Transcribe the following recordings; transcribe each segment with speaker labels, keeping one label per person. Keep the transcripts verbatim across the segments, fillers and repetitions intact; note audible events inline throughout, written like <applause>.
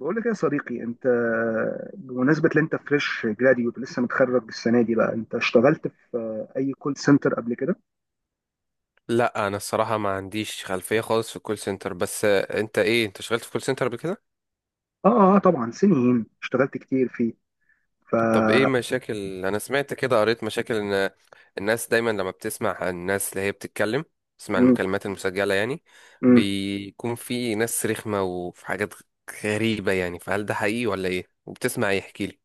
Speaker 1: بقول لك يا صديقي انت. بمناسبة ان انت فريش جراديوت لسه متخرج السنة دي، بقى انت اشتغلت في اي كول سنتر قبل كده؟
Speaker 2: لا، انا الصراحه ما عنديش خلفيه خالص في الكول سنتر بس آه، انت ايه انت اشتغلت في كول سنتر قبل كده؟
Speaker 1: اه اه، طبعا سنين اشتغلت كتير فيه. ف
Speaker 2: طب ايه مشاكل؟ انا سمعت كده، قريت مشاكل ان الناس دايما لما بتسمع عن الناس اللي هي بتتكلم، تسمع
Speaker 1: مم،
Speaker 2: المكالمات المسجله يعني.
Speaker 1: مم.
Speaker 2: بيكون في ناس رخمه وفي حاجات غريبه يعني، فهل ده حقيقي ولا ايه؟ وبتسمع ايه؟ احكي لي.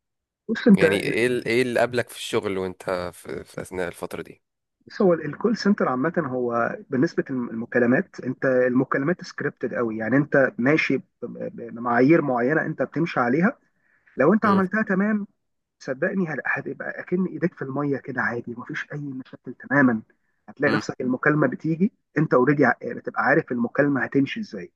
Speaker 1: بص انت
Speaker 2: يعني
Speaker 1: ال-
Speaker 2: ايه ال- ايه اللي قابلك في الشغل وانت في, في اثناء الفتره دي؟
Speaker 1: بص، هو الكول سنتر عامة، هو بالنسبة للمكالمات انت المكالمات سكريبتد قوي، يعني انت ماشي ب- ب- بمعايير معينة انت بتمشي عليها. لو انت
Speaker 2: امم.
Speaker 1: عملتها تمام صدقني هل- هتبقى اكن ايديك في الميه كده، عادي مفيش اي مشاكل تماما. هتلاقي نفسك المكالمه بتيجي، انت اوريدي بتبقى عارف المكالمه هتمشي ازاي.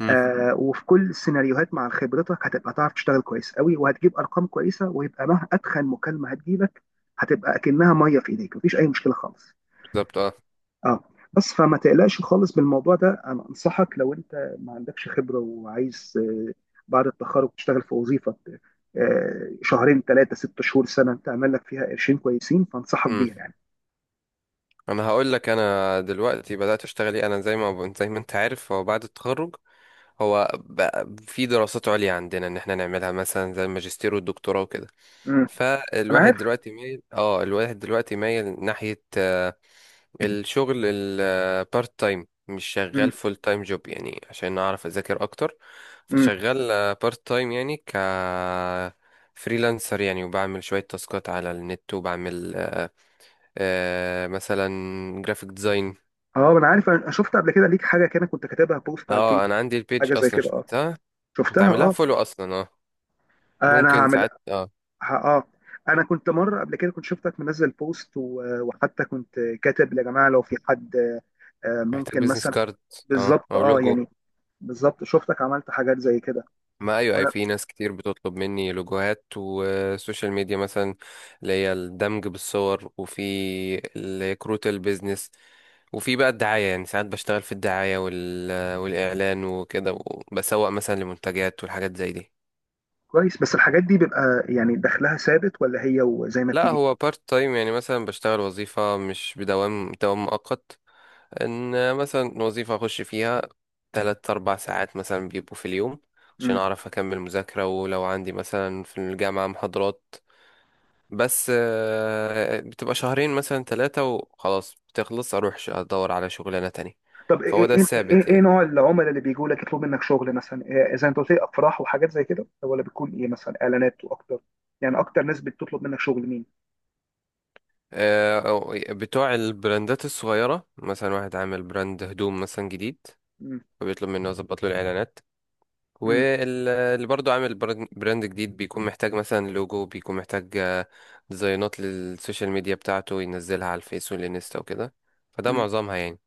Speaker 2: امم.
Speaker 1: آه، وفي كل السيناريوهات مع خبرتك هتبقى تعرف تشتغل كويس قوي، وهتجيب ارقام كويسه، ويبقى مهما اتخن مكالمه هتجيلك هتبقى اكنها ميه في ايديك، مفيش اي مشكله خالص.
Speaker 2: بالظبط،
Speaker 1: اه، بس فما تقلقش خالص بالموضوع ده. انا انصحك، لو انت ما عندكش خبره وعايز آه، بعد التخرج تشتغل في وظيفه آه، شهرين ثلاثه ست شهور سنه، تعمل لك فيها قرشين كويسين، فانصحك
Speaker 2: اه.
Speaker 1: بيها يعني.
Speaker 2: انا هقول لك، انا دلوقتي بدات اشتغل ايه. انا زي ما زي ما انت عارف، هو بعد التخرج هو بقى في دراسات عليا عندنا ان احنا نعملها مثلا زي الماجستير والدكتوراه وكده.
Speaker 1: امم. انا
Speaker 2: فالواحد
Speaker 1: عارف.
Speaker 2: دلوقتي مايل اه الواحد دلوقتي مايل ناحيه آه، الشغل البارت تايم، مش
Speaker 1: امم.
Speaker 2: شغال فول تايم جوب، يعني عشان اعرف اذاكر اكتر.
Speaker 1: امم.
Speaker 2: فشغال بارت تايم، يعني ك فريلانسر يعني، وبعمل شوية تاسكات على النت، وبعمل آه، مثلا جرافيك ديزاين.
Speaker 1: اه، انا عارف، انا شفت قبل كده ليك حاجه كده، كنت كاتبها بوست على الفيس،
Speaker 2: اه، انا عندي البيج
Speaker 1: حاجه زي
Speaker 2: اصلا،
Speaker 1: كده، اه.
Speaker 2: شفتها. انت
Speaker 1: شفتها
Speaker 2: عاملها
Speaker 1: اه.
Speaker 2: فولو اصلا، اه.
Speaker 1: انا
Speaker 2: ممكن
Speaker 1: هعمل.
Speaker 2: ساعات، اه.
Speaker 1: ه- اه، انا كنت مره قبل كده كنت شفتك منزل بوست و- وحتى كنت كاتب يا جماعه لو في حد آه،
Speaker 2: محتاج
Speaker 1: ممكن
Speaker 2: بيزنس
Speaker 1: مثلا.
Speaker 2: كارد. اه،
Speaker 1: بالظبط
Speaker 2: او
Speaker 1: اه
Speaker 2: لوجو.
Speaker 1: يعني، بالظبط شفتك عملت حاجات زي كده.
Speaker 2: ما ايوه، اي
Speaker 1: وأنا-
Speaker 2: في ناس كتير بتطلب مني لوجوهات وسوشيال ميديا، مثلا اللي هي الدمج بالصور، وفي الكروت البيزنس، وفي بقى الدعاية، يعني ساعات بشتغل في الدعاية وال... والإعلان وكده، وبسوق مثلا لمنتجات والحاجات زي دي.
Speaker 1: كويس، بس الحاجات دي بيبقى يعني دخلها ثابت، ولا هي وزي ما
Speaker 2: لا،
Speaker 1: بتيجي؟
Speaker 2: هو بارت تايم يعني، مثلا بشتغل وظيفة مش بدوام دوام مؤقت. ان مثلا وظيفة اخش فيها تلات اربع ساعات مثلا بيبقوا في اليوم، عشان
Speaker 1: مم.
Speaker 2: اعرف اكمل مذاكرة، ولو عندي مثلا في الجامعة محاضرات. بس آه، بتبقى شهرين مثلا ثلاثة وخلاص، بتخلص اروح ش- ادور على شغلانة تانية.
Speaker 1: طب
Speaker 2: فهو
Speaker 1: ايه
Speaker 2: ده
Speaker 1: ايه
Speaker 2: الثابت
Speaker 1: ايه, إيه
Speaker 2: يعني.
Speaker 1: نوع العملاء اللي بيجوا لك يطلبوا منك شغل مثلا؟ إيه، زي ما انت قلت لي افراح وحاجات زي كده، طب ولا بتكون ايه مثلا، اعلانات واكتر؟ يعني اكتر ناس بتطلب منك شغل مين؟
Speaker 2: آه، أو- بتوع البراندات الصغيرة، مثلا واحد عامل براند هدوم مثلا جديد،
Speaker 1: مم.
Speaker 2: فبيطلب مني اظبط له الاعلانات.
Speaker 1: مم.
Speaker 2: واللي برضو عامل برن- براند جديد بيكون محتاج مثلا لوجو، بيكون محتاج آه، ديزاينات للسوشيال ميديا بتاعته ينزلها على الفيس والانستا وكده. فده
Speaker 1: مم.
Speaker 2: معظمها يعني.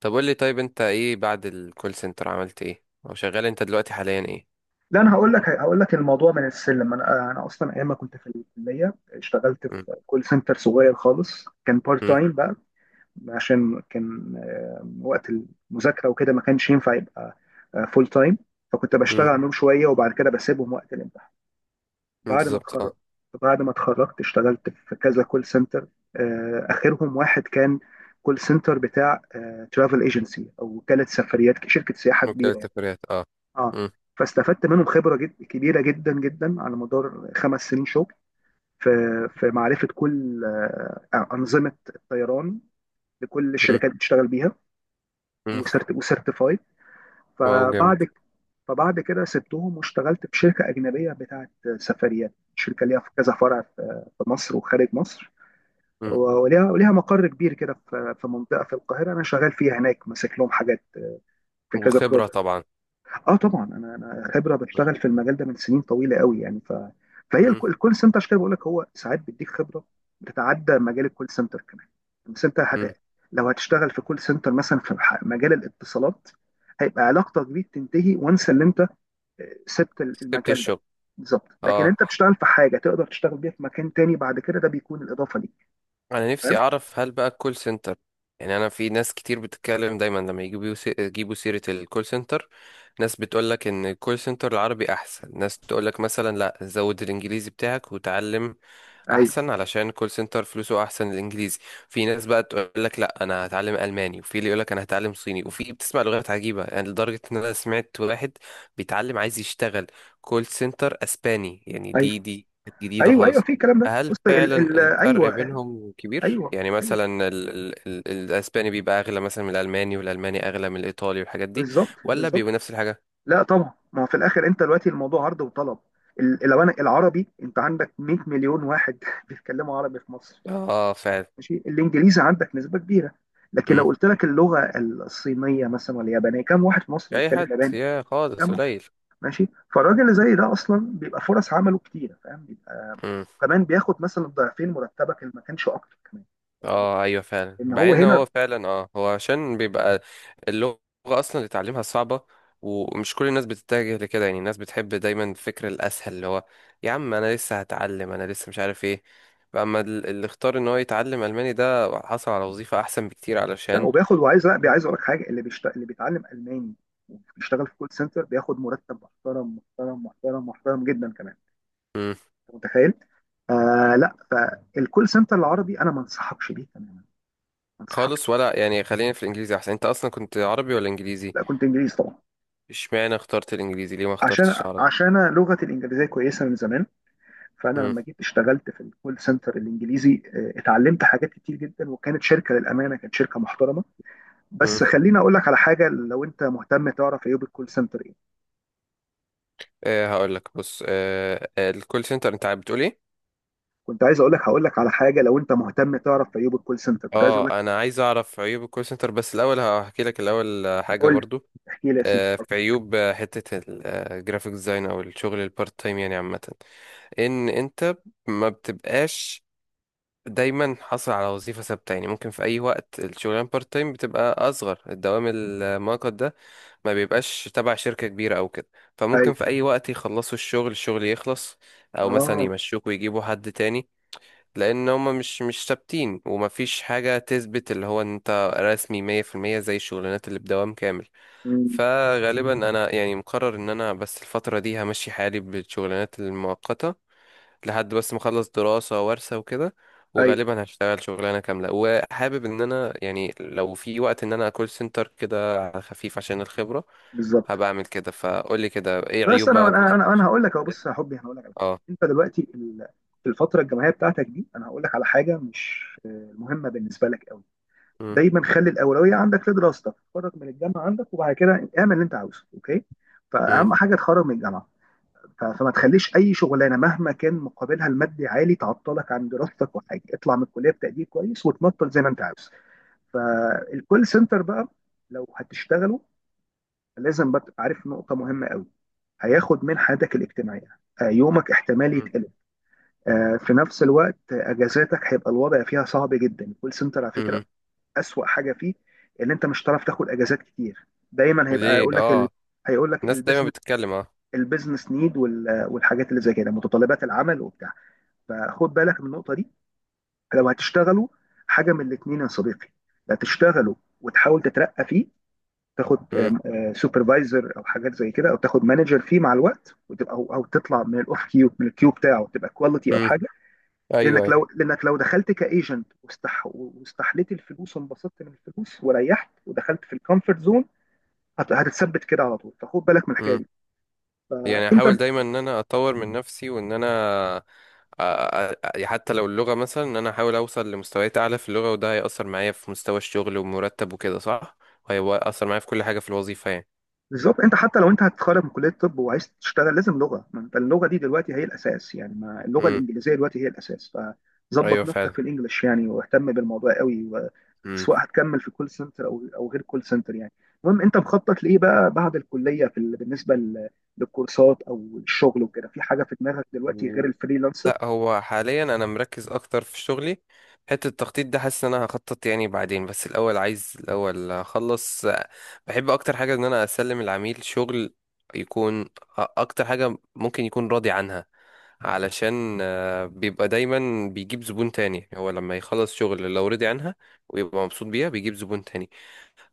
Speaker 2: طب قول لي، طيب انت ايه بعد الكول سنتر؟ عملت ايه او شغال انت دلوقتي حاليا ايه؟
Speaker 1: لا، انا هقول لك هقول لك الموضوع من السلم. انا انا اصلا ايام ما كنت في الكليه اشتغلت
Speaker 2: مم.
Speaker 1: في كول سنتر صغير خالص، كان بارت
Speaker 2: مم.
Speaker 1: تايم، عشان كان آه، وقت المذاكرة وكده، ما كانش ينفع يبقى فول تايم. فكنت بشتغل
Speaker 2: مم.
Speaker 1: عنهم شوية، وبعد كده بسيبهم وقت الامتحان. بعد ما
Speaker 2: بالظبط،
Speaker 1: اتخرج،
Speaker 2: اه.
Speaker 1: بعد ما اتخرجت اشتغلت في كذا كول سنتر، آه، آخرهم واحد كان كول سنتر بتاع ترافل ايجنسي، أو وكالة سفريات، شركة سياحة
Speaker 2: ممكن
Speaker 1: كبيرة يعني.
Speaker 2: التفريات، اه.
Speaker 1: اه،
Speaker 2: مم.
Speaker 1: فاستفدت منهم خبرة جد كبيرة جدا جدا، على مدار خمس سنين شغل، في في معرفة كل آه، أنظمة الطيران لكل
Speaker 2: مم.
Speaker 1: الشركات بتشتغل بيها،
Speaker 2: مم.
Speaker 1: وسرت وسيرتيفايد.
Speaker 2: واو، جامد.
Speaker 1: فبعد فبعد كده سبتهم واشتغلت في شركه اجنبيه بتاعت سفريات، شركه ليها في كذا فرع في في مصر وخارج مصر،
Speaker 2: مم.
Speaker 1: وليها وليها مقر كبير كده في في منطقه في القاهره، انا شغال فيها هناك، ماسك لهم حاجات في كذا.
Speaker 2: وخبرة طبعا.
Speaker 1: اه طبعا، انا انا خبره بشتغل في المجال ده من سنين طويله قوي يعني. ف فهي الك-
Speaker 2: مم.
Speaker 1: الكول سنتر، عشان كده بقول لك هو ساعات بيديك خبره بتتعدى مجال الكول سنتر كمان. بس انت هت...
Speaker 2: مم.
Speaker 1: لو هتشتغل في كول سنتر مثلا في ح- مجال الاتصالات، هيبقى علاقتك بيه بتنتهي، وانس اللي انت آه، سبت ال-
Speaker 2: سبت
Speaker 1: المجال ده.
Speaker 2: الشغل.
Speaker 1: بالظبط، لكن
Speaker 2: اه،
Speaker 1: انت بتشتغل في حاجه تقدر تشتغل بيها في مكان تاني بعد كده، ده بيكون الاضافه ليك.
Speaker 2: انا نفسي
Speaker 1: فاهم.
Speaker 2: اعرف هل بقى الكول سنتر، يعني انا في ناس كتير بتتكلم دايما لما يجيبوا سي- يجيبوا سيرة الكول سنتر، ناس بتقول لك ان الكول سنتر العربي احسن، ناس تقول لك مثلا لا زود الانجليزي بتاعك وتعلم
Speaker 1: ايوه،
Speaker 2: احسن، علشان الكول سنتر فلوسه احسن الانجليزي. في ناس بقى تقول لك لا انا هتعلم الماني، وفي اللي يقول لك انا هتعلم صيني، وفي بتسمع لغات عجيبة يعني، لدرجة ان انا سمعت واحد بيتعلم عايز يشتغل كول سنتر اسباني يعني.
Speaker 1: ايوه،
Speaker 2: دي دي جديدة
Speaker 1: ايوه، ايوه
Speaker 2: خالص.
Speaker 1: في الكلام ده.
Speaker 2: هل
Speaker 1: بص ال...
Speaker 2: فعلا
Speaker 1: ال...
Speaker 2: الفرق
Speaker 1: ايوه، ايوه،
Speaker 2: بينهم كبير؟
Speaker 1: ايوه.
Speaker 2: يعني مثلا ال ال ال الاسباني بيبقى اغلى مثلا من الالماني، والالماني اغلى من الايطالي، والحاجات دي،
Speaker 1: بالظبط،
Speaker 2: ولا
Speaker 1: بالظبط.
Speaker 2: بيبقوا نفس الحاجة؟
Speaker 1: لا طبعا، ما هو في الاخر انت دلوقتي الموضوع عرض وطلب. ال- لو انا العربي، انت عندك 100 مليون واحد <laughs> بيتكلموا عربي في مصر،
Speaker 2: اه فعلا.
Speaker 1: ماشي. الانجليزي عندك نسبه كبيره. لكن لو
Speaker 2: مم.
Speaker 1: قلت لك اللغه الصينيه مثلا، ولا اليابانيه، كم واحد في مصر
Speaker 2: اي
Speaker 1: بيتكلم
Speaker 2: حد،
Speaker 1: ياباني؟
Speaker 2: يا خالص
Speaker 1: كم واحد؟
Speaker 2: قليل.
Speaker 1: ماشي. فالراجل اللي زي ده اصلا بيبقى فرص عمله كتيره، فاهم، بيبقى كمان بياخد مثلا ضعفين مرتبك، اللي ما كانش اكتر كمان. واخد بالك؟
Speaker 2: اه ايوه فعلا،
Speaker 1: ان هو
Speaker 2: بعدين إن
Speaker 1: هنا،
Speaker 2: هو فعلا، اه هو عشان بيبقى اللغة اصلا اللي تعلمها صعبة، ومش كل الناس بتتجه لكده، يعني الناس بتحب دايما الفكر الاسهل، اللي هو يا عم انا لسه هتعلم، انا لسه مش عارف ايه. اما ال- اللي اختار ان هو يتعلم الماني ده حصل على وظيفة احسن بكتير
Speaker 1: لا
Speaker 2: علشان.
Speaker 1: وبياخد وعايز، لا بي- عايز اقول لك حاجه، اللي بيشت... اللي بيتعلم الماني وبيشتغل في كول سنتر بياخد مرتب محترم محترم محترم محترم جدا كمان.
Speaker 2: مم.
Speaker 1: انت متخيل؟ آه لا، فالكول سنتر العربي انا ما انصحكش بيه تماما، ما انصحكش.
Speaker 2: خالص، ولا يعني خلينا في الانجليزي احسن؟ انت اصلا كنت عربي ولا انجليزي؟
Speaker 1: لا كنت انجليزي طبعا.
Speaker 2: اشمعنى اخترت الانجليزي؟ ليه ما اخترتش
Speaker 1: عشان،
Speaker 2: العربي؟
Speaker 1: عشان أنا لغتي الانجليزيه كويسه من زمان، فانا
Speaker 2: امم.
Speaker 1: لما جيت اشتغلت في الكول سنتر الانجليزي آه، اتعلمت حاجات كتير جدا، وكانت شركه للامانه، كانت شركه محترمه.
Speaker 2: امم.
Speaker 1: بس خليني اقول لك على حاجه لو انت مهتم تعرف عيوب الكول سنتر.
Speaker 2: آه هقول لك، بص. آه آه، الكول سنتر انت بتقول ايه؟
Speaker 1: كنت عايز اقول لك، هقول لك على حاجه لو انت مهتم تعرف في ايوب الكول سنتر، كنت عايز اقول لك.
Speaker 2: اه، انا عايز اعرف عيوب الكول سنتر، بس الاول هحكي لك الاول آه، حاجه
Speaker 1: قول لي.
Speaker 2: برضو.
Speaker 1: احكي لي يا سيدي.
Speaker 2: آه، في عيوب، آه، حته الجرافيك ديزاين او الشغل البارت تايم يعني عامه، ان انت ما بتبقاش دايما حاصل على وظيفه ثابته، يعني ممكن في اي وقت الشغلانه بارت تايم بتبقى اصغر، الدوام المؤقت ده ما بيبقاش تبع شركه كبيره او كده،
Speaker 1: اي
Speaker 2: فممكن في اي وقت يخلصوا الشغل الشغل يخلص، او مثلا
Speaker 1: اه.
Speaker 2: يمشوك ويجيبوا حد تاني، لان هما مش مش ثابتين ومفيش حاجة تثبت اللي هو إن انت رسمي مية في المية زي الشغلانات اللي بدوام كامل.
Speaker 1: أمم.
Speaker 2: فغالبا انا يعني مقرر ان انا بس الفترة دي همشي حالي بالشغلانات المؤقتة، لحد بس ما اخلص دراسة وورثة وكده،
Speaker 1: اي.
Speaker 2: وغالبا هشتغل شغلانة كاملة، وحابب ان انا يعني لو في وقت ان انا كول سنتر كده على خفيف عشان الخبرة
Speaker 1: بالظبط.
Speaker 2: هبقى اعمل كده. فقولي كده، ايه
Speaker 1: بس
Speaker 2: عيوب
Speaker 1: انا
Speaker 2: بقى كول
Speaker 1: انا
Speaker 2: سنتر
Speaker 1: انا, أنا
Speaker 2: عشان-
Speaker 1: هقول لك اهو، بص يا حبي، انا هقول لك على حاجه.
Speaker 2: اه؟
Speaker 1: انت دلوقتي ال- في الفتره الجامعيه بتاعتك دي، انا هقول لك على حاجه مش آه، مهمه بالنسبه لك قوي.
Speaker 2: مم.
Speaker 1: دايما خلي الاولويه عندك في دراستك، اتخرج من الجامعه عندك وبعد كده اعمل اللي انت عاوزه، اوكي؟
Speaker 2: مم.
Speaker 1: فاهم حاجه؟ تخرج من الجامعه. ف- فما تخليش اي شغلانه مهما كان مقابلها المادي عالي تعطلك عن دراستك، وحاجه اطلع من الكليه بتقدير كويس، وتنطل زي ما انت عاوز. فالكول سنتر بقى، لو هتشتغله، لازم بقى تبقى عارف نقطه مهمه قوي، هياخد من حياتك الاجتماعيه. آه، يومك احتمال
Speaker 2: مم.
Speaker 1: يتقلب. آه، في نفس الوقت آه، اجازاتك هيبقى الوضع فيها صعب جدا. الكول سنتر على فكره
Speaker 2: مم.
Speaker 1: اسوأ حاجه فيه ان انت مش هتعرف تاخد اجازات كتير، دايما هيبقى
Speaker 2: ليه،
Speaker 1: يقول لك ال...
Speaker 2: اه.
Speaker 1: هيقول لك
Speaker 2: الناس دايما
Speaker 1: البيزنس،
Speaker 2: بتتكلم، اه.
Speaker 1: البيزنس نيد، والحاجات اللي زي كده، متطلبات العمل وبتاع. فخد بالك من النقطه دي لو هتشتغلوا. حاجه من الاثنين يا صديقي، لا تشتغلوا وتحاول تترقى فيه، تاخد
Speaker 2: مم.
Speaker 1: سوبرفايزر او حاجات زي كده، او تاخد مانجر فيه مع الوقت، وتبقى او, أو تطلع من الاوف كيو، من الكيو بتاعه، تبقى كواليتي او
Speaker 2: مم.
Speaker 1: حاجه.
Speaker 2: ايوه،
Speaker 1: لانك
Speaker 2: ايوه.
Speaker 1: لو لانك لو دخلت كايجنت واستح واستحليت الفلوس وانبسطت من الفلوس وريحت ودخلت في الكومفورت زون، هتتثبت كده على طول، فخد بالك من الحكايه
Speaker 2: مم.
Speaker 1: دي.
Speaker 2: يعني
Speaker 1: فانت
Speaker 2: احاول دايما ان انا اطور من نفسي وان انا، أ- أ- أ- حتى لو اللغة، مثلا ان انا احاول اوصل لمستويات اعلى في اللغة، وده هيأثر معايا في مستوى الشغل ومرتب وكده صح؟ هيأثر معايا في كل حاجة في الوظيفة يعني.
Speaker 1: بالظبط، انت حتى لو انت هتتخرج من كليه الطب وعايز تشتغل لازم لغه، ما انت اللغه دي دلوقتي هي الاساس يعني، ما اللغه
Speaker 2: امم.
Speaker 1: الانجليزيه دلوقتي هي الاساس. فظبط
Speaker 2: ايوه
Speaker 1: نفسك
Speaker 2: فعلا.
Speaker 1: في الانجليش يعني، واهتم بالموضوع قوي و...
Speaker 2: امم.
Speaker 1: سواء هتكمل في كول سنتر او او غير كول سنتر يعني. المهم، انت مخطط لايه بقى بعد الكليه في ال... بالنسبه لل... للكورسات او الشغل وكده؟ في حاجه في دماغك دلوقتي غير الفريلانسر؟
Speaker 2: لا، هو حاليا انا مركز اكتر في شغلي، حته التخطيط ده حاسس ان انا هخطط يعني بعدين، بس الاول عايز الاول اخلص. بحب اكتر حاجه ان انا اسلم العميل شغل يكون اكتر حاجه ممكن يكون راضي عنها، علشان آه، بيبقى دايما بيجيب زبون تاني هو، لما يخلص شغل لو رضي عنها ويبقى مبسوط بيها بيجيب زبون تاني.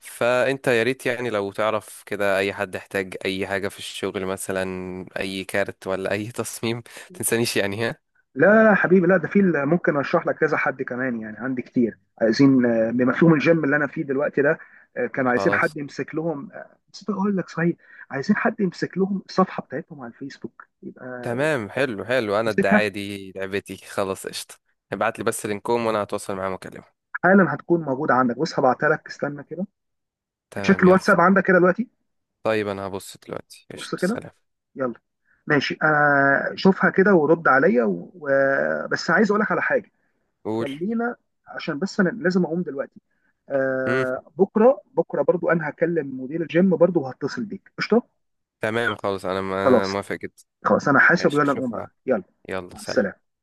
Speaker 2: فانت يا ريت يعني لو تعرف كده اي حد احتاج اي حاجه في الشغل، مثلا اي كارت ولا اي <laughs> تصميم، تنسانيش يعني.
Speaker 1: لا، لا، لا حبيبي، لا ده في ال- ممكن اشرح لك كذا حد كمان يعني، عندي كتير عايزين آه، بمفهوم الجيم اللي انا فيه دلوقتي ده آه، كانوا عايزين
Speaker 2: خلاص.
Speaker 1: حد يمسك لهم. آه، نسيت اقول لك، صحيح عايزين حد يمسك لهم الصفحه بتاعتهم على الفيسبوك، يبقى
Speaker 2: تمام، حلو حلو، انا
Speaker 1: امسكها.
Speaker 2: الدعاية دي لعبتي، خلاص قشطة. ابعت لي بس لينكوم وانا هتواصل معاهم واكلمهم.
Speaker 1: حالا هتكون موجوده عندك، بص هبعتها لك، استنى كده. تشيك
Speaker 2: تمام، يلا.
Speaker 1: الواتساب عندك كده دلوقتي.
Speaker 2: طيب انا هبص دلوقتي،
Speaker 1: بص
Speaker 2: قشطة،
Speaker 1: كده.
Speaker 2: سلام.
Speaker 1: يلا. ماشي، انا شوفها كده ورد عليا، و... و- بس عايز اقول لك على حاجه.
Speaker 2: قول.
Speaker 1: خلينا، عشان بس انا لازم اقوم دلوقتي.
Speaker 2: مم.
Speaker 1: آه، بكره بكره برضو انا هكلم مدير الجيم برضو وهتصل بيك قشطه.
Speaker 2: تمام خلاص، انا م- أنا
Speaker 1: خلاص،
Speaker 2: موافق جدا.
Speaker 1: خلاص انا حاسب،
Speaker 2: ماشي،
Speaker 1: ويلا نقوم
Speaker 2: اشوفها.
Speaker 1: بقى، يلا.
Speaker 2: يلا،
Speaker 1: مع السلامه.
Speaker 2: سلام.